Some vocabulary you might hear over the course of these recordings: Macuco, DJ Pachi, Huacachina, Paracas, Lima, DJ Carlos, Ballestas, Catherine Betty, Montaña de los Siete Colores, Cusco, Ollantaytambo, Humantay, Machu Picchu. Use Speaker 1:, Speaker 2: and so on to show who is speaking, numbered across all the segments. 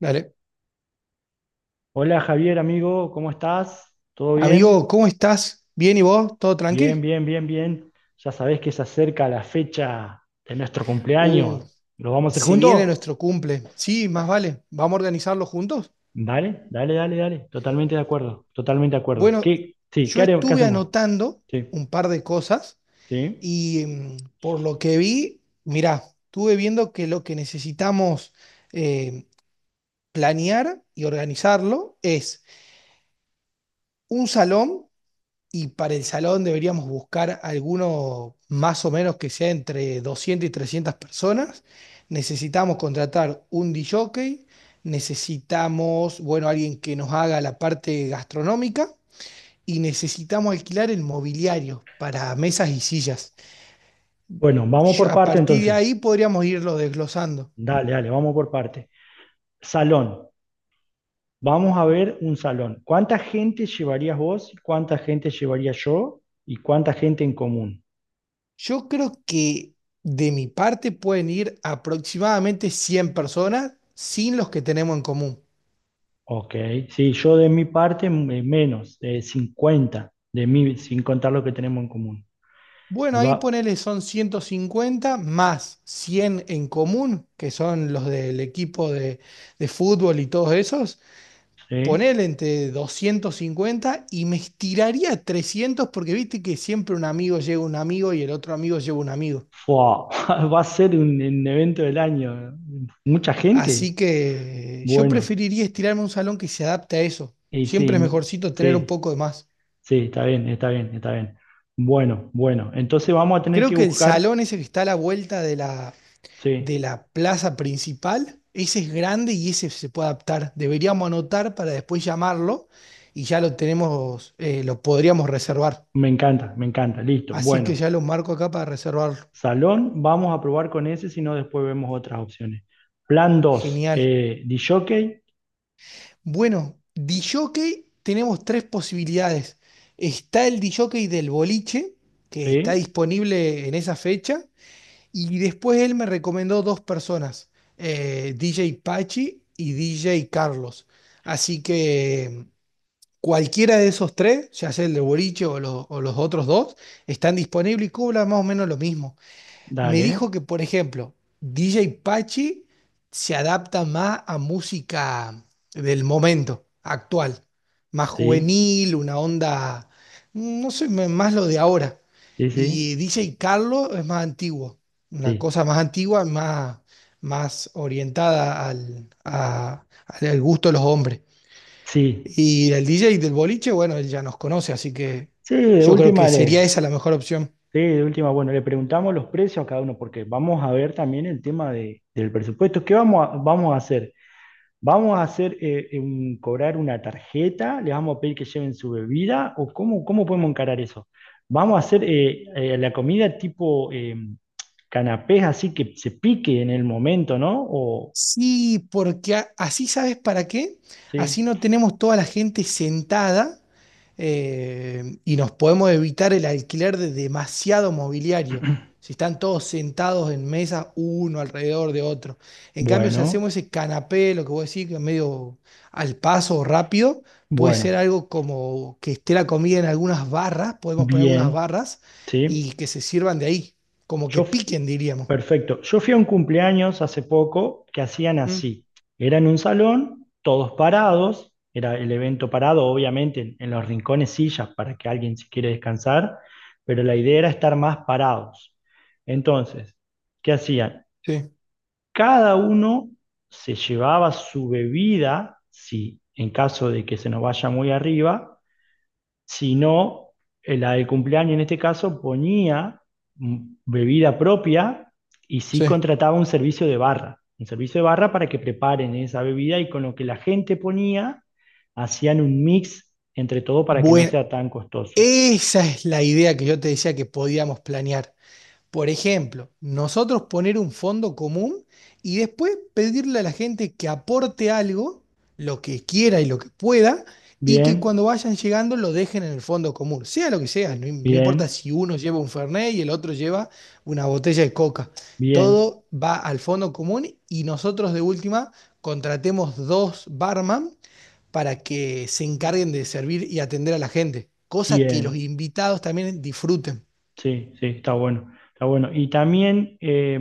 Speaker 1: Dale.
Speaker 2: Hola Javier, amigo, ¿cómo estás? ¿Todo bien?
Speaker 1: Amigo, ¿cómo estás? ¿Bien y vos? ¿Todo
Speaker 2: Bien,
Speaker 1: tranqui?
Speaker 2: bien, bien, bien. Ya sabés que se acerca la fecha de nuestro
Speaker 1: Uh,
Speaker 2: cumpleaños. ¿Lo vamos a hacer
Speaker 1: Se viene
Speaker 2: juntos?
Speaker 1: nuestro cumple. Sí, más vale. ¿Vamos a organizarlo juntos?
Speaker 2: Dale, dale, dale, dale. Totalmente de acuerdo, totalmente de acuerdo.
Speaker 1: Bueno,
Speaker 2: ¿Qué? Sí, ¿qué
Speaker 1: yo
Speaker 2: haremos? ¿Qué
Speaker 1: estuve
Speaker 2: hacemos?
Speaker 1: anotando
Speaker 2: Sí,
Speaker 1: un par de cosas
Speaker 2: sí.
Speaker 1: y por lo que vi, mirá, estuve viendo que lo que necesitamos eh, planear y organizarlo es un salón. Y para el salón deberíamos buscar alguno más o menos que sea entre 200 y 300 personas. Necesitamos contratar un DJ, jockey, necesitamos, bueno, alguien que nos haga la parte gastronómica y necesitamos alquilar el mobiliario para mesas y sillas.
Speaker 2: Bueno, vamos por
Speaker 1: A
Speaker 2: parte
Speaker 1: partir de
Speaker 2: entonces.
Speaker 1: ahí podríamos irlo desglosando.
Speaker 2: Dale, dale, vamos por parte. Salón. Vamos a ver un salón. ¿Cuánta gente llevarías vos? ¿Cuánta gente llevaría yo? ¿Y cuánta gente en común?
Speaker 1: Yo creo que de mi parte pueden ir aproximadamente 100 personas sin los que tenemos en común.
Speaker 2: Ok, sí, yo de mi parte menos, de 50 de mí, sin contar lo que tenemos en común.
Speaker 1: Bueno,
Speaker 2: Y
Speaker 1: ahí
Speaker 2: va,
Speaker 1: ponele son 150 más 100 en común, que son los del equipo de fútbol y todos esos.
Speaker 2: sí,
Speaker 1: Ponele entre 250 y me estiraría a 300 porque viste que siempre un amigo lleva un amigo y el otro amigo lleva un amigo.
Speaker 2: fua, va a ser un evento del año. ¿Mucha gente?
Speaker 1: Así que yo
Speaker 2: Bueno,
Speaker 1: preferiría estirarme a un salón que se adapte a eso.
Speaker 2: y sí,
Speaker 1: Siempre es mejorcito tener un
Speaker 2: sí,
Speaker 1: poco de más.
Speaker 2: sí, está bien, está bien, está bien. Bueno, bueno, entonces vamos a tener
Speaker 1: Creo
Speaker 2: que
Speaker 1: que el
Speaker 2: buscar,
Speaker 1: salón ese que está a la vuelta de la, de
Speaker 2: sí,
Speaker 1: la plaza principal. Ese es grande y ese se puede adaptar. Deberíamos anotar para después llamarlo y ya lo tenemos, lo podríamos reservar.
Speaker 2: me encanta, listo.
Speaker 1: Así que
Speaker 2: Bueno,
Speaker 1: ya lo marco acá para reservarlo.
Speaker 2: salón, vamos a probar con ese, si no después vemos otras opciones. Plan dos,
Speaker 1: Genial.
Speaker 2: disc jockey,
Speaker 1: Bueno, disjockey tenemos tres posibilidades. Está el disjockey del boliche, que está
Speaker 2: sí.
Speaker 1: disponible en esa fecha, y después él me recomendó dos personas, DJ Pachi y DJ Carlos. Así que cualquiera de esos tres, ya sea el de Boliche o o los otros dos, están disponibles y cobran más o menos lo mismo. Me dijo
Speaker 2: Dale,
Speaker 1: que, por ejemplo, DJ Pachi se adapta más a música del momento actual, más
Speaker 2: sí,
Speaker 1: juvenil, una onda, no sé, más lo de ahora.
Speaker 2: sí, sí,
Speaker 1: Y DJ Carlos es más antiguo, una
Speaker 2: sí,
Speaker 1: cosa más antigua, más orientada al gusto de los hombres.
Speaker 2: sí,
Speaker 1: Y el DJ del boliche, bueno, él ya nos conoce, así que
Speaker 2: sí,
Speaker 1: yo creo que sería esa la mejor opción.
Speaker 2: sí, de última, bueno, le preguntamos los precios a cada uno, porque vamos a ver también el tema del presupuesto. ¿Qué vamos a hacer? ¿Vamos a hacer cobrar una tarjeta? ¿Les vamos a pedir que lleven su bebida? ¿O cómo podemos encarar eso? ¿Vamos a hacer la comida tipo canapés así que se pique en el momento, ¿no? O,
Speaker 1: Sí, porque así sabes para qué. Así
Speaker 2: sí,
Speaker 1: no tenemos toda la gente sentada, y nos podemos evitar el alquiler de demasiado mobiliario. Si están todos sentados en mesas, uno alrededor de otro. En cambio, si hacemos
Speaker 2: bueno,
Speaker 1: ese canapé, lo que vos decís, que es medio al paso o rápido, puede ser
Speaker 2: bueno,
Speaker 1: algo como que esté la comida en algunas barras, podemos poner algunas
Speaker 2: bien,
Speaker 1: barras
Speaker 2: sí.
Speaker 1: y que se sirvan de ahí, como que
Speaker 2: Yo
Speaker 1: piquen, diríamos.
Speaker 2: Perfecto. Yo fui a un cumpleaños hace poco que hacían
Speaker 1: Mm,
Speaker 2: así. Era en un salón, todos parados, era el evento parado, obviamente, en los rincones sillas para que alguien si quiere descansar, pero la idea era estar más parados. Entonces, ¿qué hacían?
Speaker 1: sí,
Speaker 2: Cada uno se llevaba su bebida, si en caso de que se nos vaya muy arriba, sino la del cumpleaños en este caso ponía mm, bebida propia y sí
Speaker 1: sí.
Speaker 2: contrataba un servicio de barra, un servicio de barra para que preparen esa bebida y con lo que la gente ponía hacían un mix entre todo para que no
Speaker 1: Bueno,
Speaker 2: sea tan costoso.
Speaker 1: esa es la idea que yo te decía que podíamos planear. Por ejemplo, nosotros poner un fondo común y después pedirle a la gente que aporte algo, lo que quiera y lo que pueda, y que
Speaker 2: Bien,
Speaker 1: cuando vayan llegando lo dejen en el fondo común, sea lo que sea, no, no importa
Speaker 2: bien,
Speaker 1: si uno lleva un Fernet y el otro lleva una botella de coca,
Speaker 2: bien,
Speaker 1: todo va al fondo común y nosotros de última contratemos dos barman para que se encarguen de servir y atender a la gente, cosa que los
Speaker 2: bien.
Speaker 1: invitados también disfruten.
Speaker 2: Sí, sí, está bueno, está bueno. Y también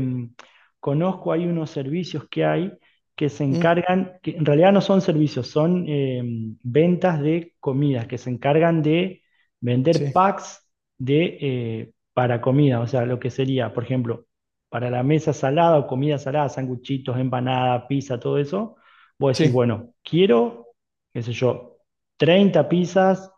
Speaker 2: conozco, hay unos servicios que hay que se
Speaker 1: Mm,
Speaker 2: encargan, que en realidad no son servicios, son ventas de comidas, que se encargan de vender
Speaker 1: sí,
Speaker 2: packs de, para comida, o sea, lo que sería, por ejemplo, para la mesa salada o comida salada, sanguchitos, empanada, pizza, todo eso, vos decís,
Speaker 1: sí.
Speaker 2: bueno, quiero, qué sé yo, 30 pizzas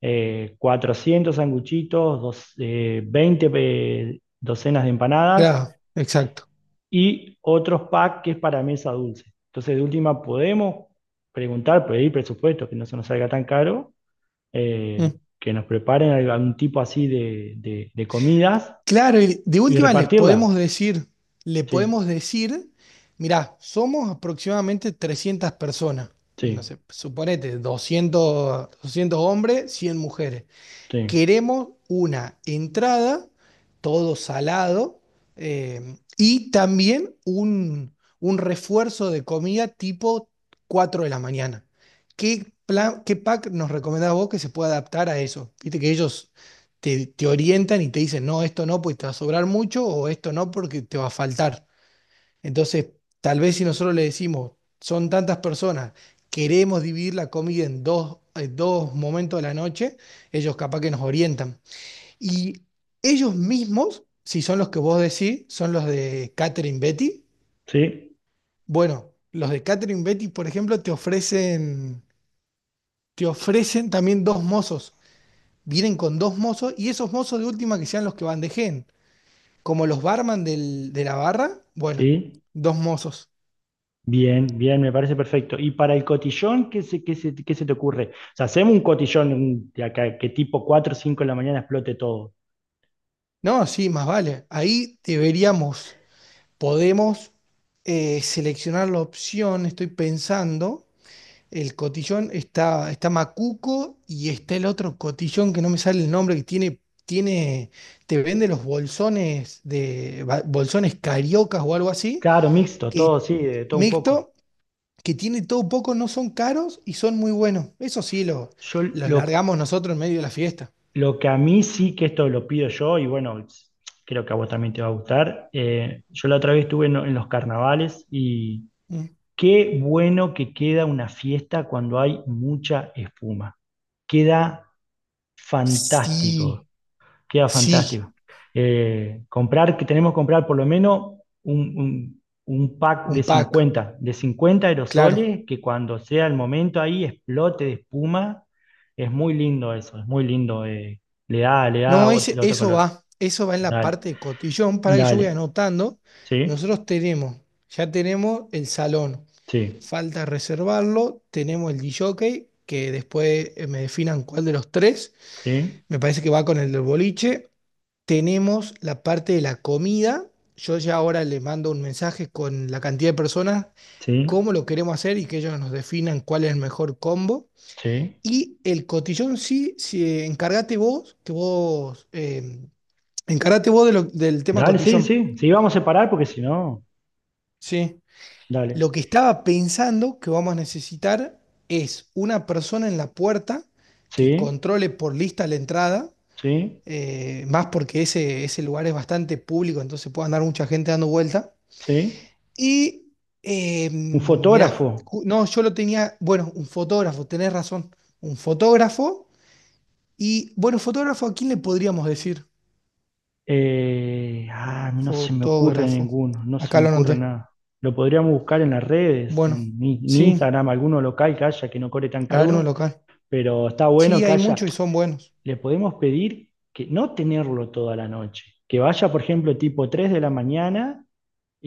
Speaker 2: 400 sanguchitos, 20 docenas de empanadas
Speaker 1: Claro, exacto.
Speaker 2: y otros packs que es para mesa dulce. Entonces, de última, podemos preguntar, pedir presupuesto, que no se nos salga tan caro,
Speaker 1: Mm.
Speaker 2: que nos preparen algún tipo así de comidas
Speaker 1: Claro, y de
Speaker 2: y
Speaker 1: última les
Speaker 2: repartirla.
Speaker 1: podemos decir, le
Speaker 2: Sí,
Speaker 1: podemos decir, mirá, somos aproximadamente 300 personas, no
Speaker 2: sí,
Speaker 1: sé, suponete, 200, 200 hombres, 100 mujeres.
Speaker 2: sí,
Speaker 1: Queremos una entrada, todo salado, y también un refuerzo de comida tipo 4 de la mañana. ¿Qué plan, qué pack nos recomendás vos que se pueda adaptar a eso? Viste que ellos te orientan y te dicen, no, esto no, porque te va a sobrar mucho, o esto no, porque te va a faltar. Entonces, tal vez si nosotros le decimos, son tantas personas, queremos dividir la comida en dos momentos de la noche, ellos capaz que nos orientan. Y ellos mismos, si son los que vos decís, son los de Catherine Betty.
Speaker 2: sí,
Speaker 1: Bueno, los de Catherine Betty, por ejemplo, te ofrecen también dos mozos. Vienen con dos mozos y esos mozos de última que sean los que bandejeen. Como los barman de la barra, bueno,
Speaker 2: sí.
Speaker 1: dos mozos.
Speaker 2: Bien, bien, me parece perfecto. ¿Y para el cotillón, qué se te ocurre? O sea, hacemos un cotillón de acá, que tipo 4 o 5 de la mañana explote todo.
Speaker 1: No, sí, más vale. Ahí deberíamos, podemos seleccionar la opción, estoy pensando, el cotillón está Macuco y está el otro cotillón que no me sale el nombre, que tiene, te vende los bolsones de bolsones cariocas o algo así,
Speaker 2: Claro, mixto,
Speaker 1: que
Speaker 2: todo, sí, de todo un poco.
Speaker 1: mixto, que tiene todo poco, no son caros y son muy buenos. Eso sí,
Speaker 2: Yo
Speaker 1: los
Speaker 2: lo,
Speaker 1: largamos nosotros en medio de la fiesta.
Speaker 2: lo que a mí sí que esto lo pido yo, y bueno, creo que a vos también te va a gustar. Yo la otra vez estuve en los carnavales y
Speaker 1: Mm.
Speaker 2: qué bueno que queda una fiesta cuando hay mucha espuma. Queda
Speaker 1: Sí,
Speaker 2: fantástico. Queda
Speaker 1: sí,
Speaker 2: fantástico. Comprar, que tenemos que comprar por lo menos un, un- un pack de
Speaker 1: un pack.
Speaker 2: cincuenta de cincuenta
Speaker 1: Claro.
Speaker 2: aerosoles, que cuando sea el momento ahí explote de espuma. Es muy lindo eso, es muy lindo. Le da, le da
Speaker 1: No,
Speaker 2: otro
Speaker 1: eso
Speaker 2: color.
Speaker 1: va. Eso va en la
Speaker 2: Dale,
Speaker 1: parte de cotillón para que yo voy
Speaker 2: dale.
Speaker 1: anotando.
Speaker 2: Sí,
Speaker 1: Nosotros tenemos, ya tenemos el salón.
Speaker 2: sí,
Speaker 1: Falta reservarlo. Tenemos el DJ, jockey, que después me definan cuál de los tres.
Speaker 2: sí,
Speaker 1: Me parece que va con el del boliche. Tenemos la parte de la comida. Yo ya ahora le mando un mensaje con la cantidad de personas,
Speaker 2: sí,
Speaker 1: cómo lo queremos hacer y que ellos nos definan cuál es el mejor combo.
Speaker 2: sí.
Speaker 1: Y el cotillón sí, sí, encárgate vos, encárgate vos del tema
Speaker 2: Dale, sí,
Speaker 1: cotillón,
Speaker 2: sí. Sí, vamos a separar porque si no,
Speaker 1: ¿sí? Lo
Speaker 2: dale.
Speaker 1: que estaba pensando que vamos a necesitar es una persona en la puerta que
Speaker 2: Sí,
Speaker 1: controle por lista la entrada,
Speaker 2: sí,
Speaker 1: más porque ese lugar es bastante público, entonces puede andar mucha gente dando vuelta.
Speaker 2: sí.
Speaker 1: Y,
Speaker 2: Un
Speaker 1: mirá,
Speaker 2: fotógrafo.
Speaker 1: no, yo lo tenía, bueno, un fotógrafo, tenés razón, un fotógrafo. Y, bueno, fotógrafo, ¿a quién le podríamos decir?
Speaker 2: Ah, a mí no se me ocurre
Speaker 1: Fotógrafo.
Speaker 2: ninguno, no se
Speaker 1: Acá
Speaker 2: me
Speaker 1: lo
Speaker 2: ocurre
Speaker 1: noté.
Speaker 2: nada. Lo podríamos buscar en las redes,
Speaker 1: Bueno,
Speaker 2: en
Speaker 1: sí,
Speaker 2: Instagram, alguno local que haya que no cobre tan
Speaker 1: algunos
Speaker 2: caro,
Speaker 1: local.
Speaker 2: pero está bueno
Speaker 1: Sí,
Speaker 2: que
Speaker 1: hay
Speaker 2: haya.
Speaker 1: muchos y son buenos,
Speaker 2: Le podemos pedir que no tenerlo toda la noche, que vaya, por ejemplo, tipo 3 de la mañana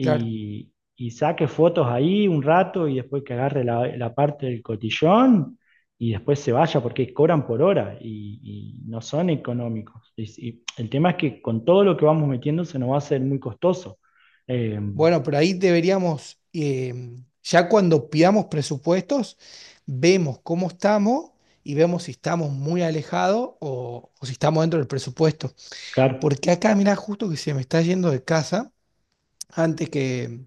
Speaker 1: claro.
Speaker 2: y saque fotos ahí un rato y después que agarre la parte del cotillón y después se vaya porque cobran por hora y no son económicos. Y el tema es que con todo lo que vamos metiendo se nos va a hacer muy costoso. Eh,
Speaker 1: Bueno, pero ahí deberíamos, ya cuando pidamos presupuestos, vemos cómo estamos y vemos si estamos muy alejados o si estamos dentro del presupuesto.
Speaker 2: Car-
Speaker 1: Porque acá, mirá, justo que se me está yendo de casa antes que,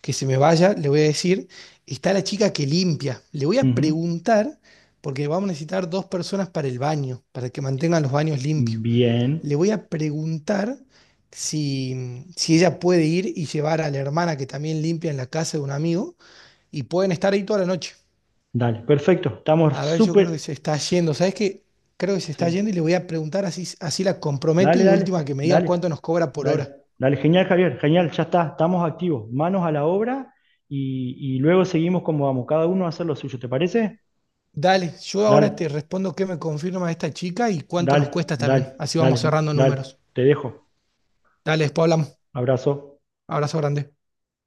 Speaker 1: que se me vaya, le voy a decir, está la chica que limpia. Le voy a
Speaker 2: Ujú.
Speaker 1: preguntar, porque vamos a necesitar dos personas para el baño, para que mantengan los baños limpios.
Speaker 2: Bien,
Speaker 1: Le voy a preguntar si ella puede ir y llevar a la hermana que también limpia en la casa de un amigo y pueden estar ahí toda la noche.
Speaker 2: dale, perfecto, estamos
Speaker 1: A ver, yo creo que
Speaker 2: súper...
Speaker 1: se está yendo. ¿Sabes qué? Creo que se está
Speaker 2: Sí,
Speaker 1: yendo y le voy a preguntar así, así la comprometo
Speaker 2: dale,
Speaker 1: y de
Speaker 2: dale,
Speaker 1: última que me diga
Speaker 2: dale.
Speaker 1: cuánto nos cobra por
Speaker 2: Dale,
Speaker 1: hora.
Speaker 2: dale, genial, Javier, genial, ya está, estamos activos, manos a la obra y luego seguimos como vamos, cada uno a hacer lo suyo, ¿te parece?
Speaker 1: Dale, yo ahora te
Speaker 2: Dale,
Speaker 1: respondo qué me confirma esta chica y cuánto nos
Speaker 2: dale,
Speaker 1: cuesta también.
Speaker 2: dale,
Speaker 1: Así vamos
Speaker 2: dale,
Speaker 1: cerrando
Speaker 2: dale,
Speaker 1: números.
Speaker 2: te dejo,
Speaker 1: Dale, después hablamos.
Speaker 2: abrazo.
Speaker 1: Abrazo grande.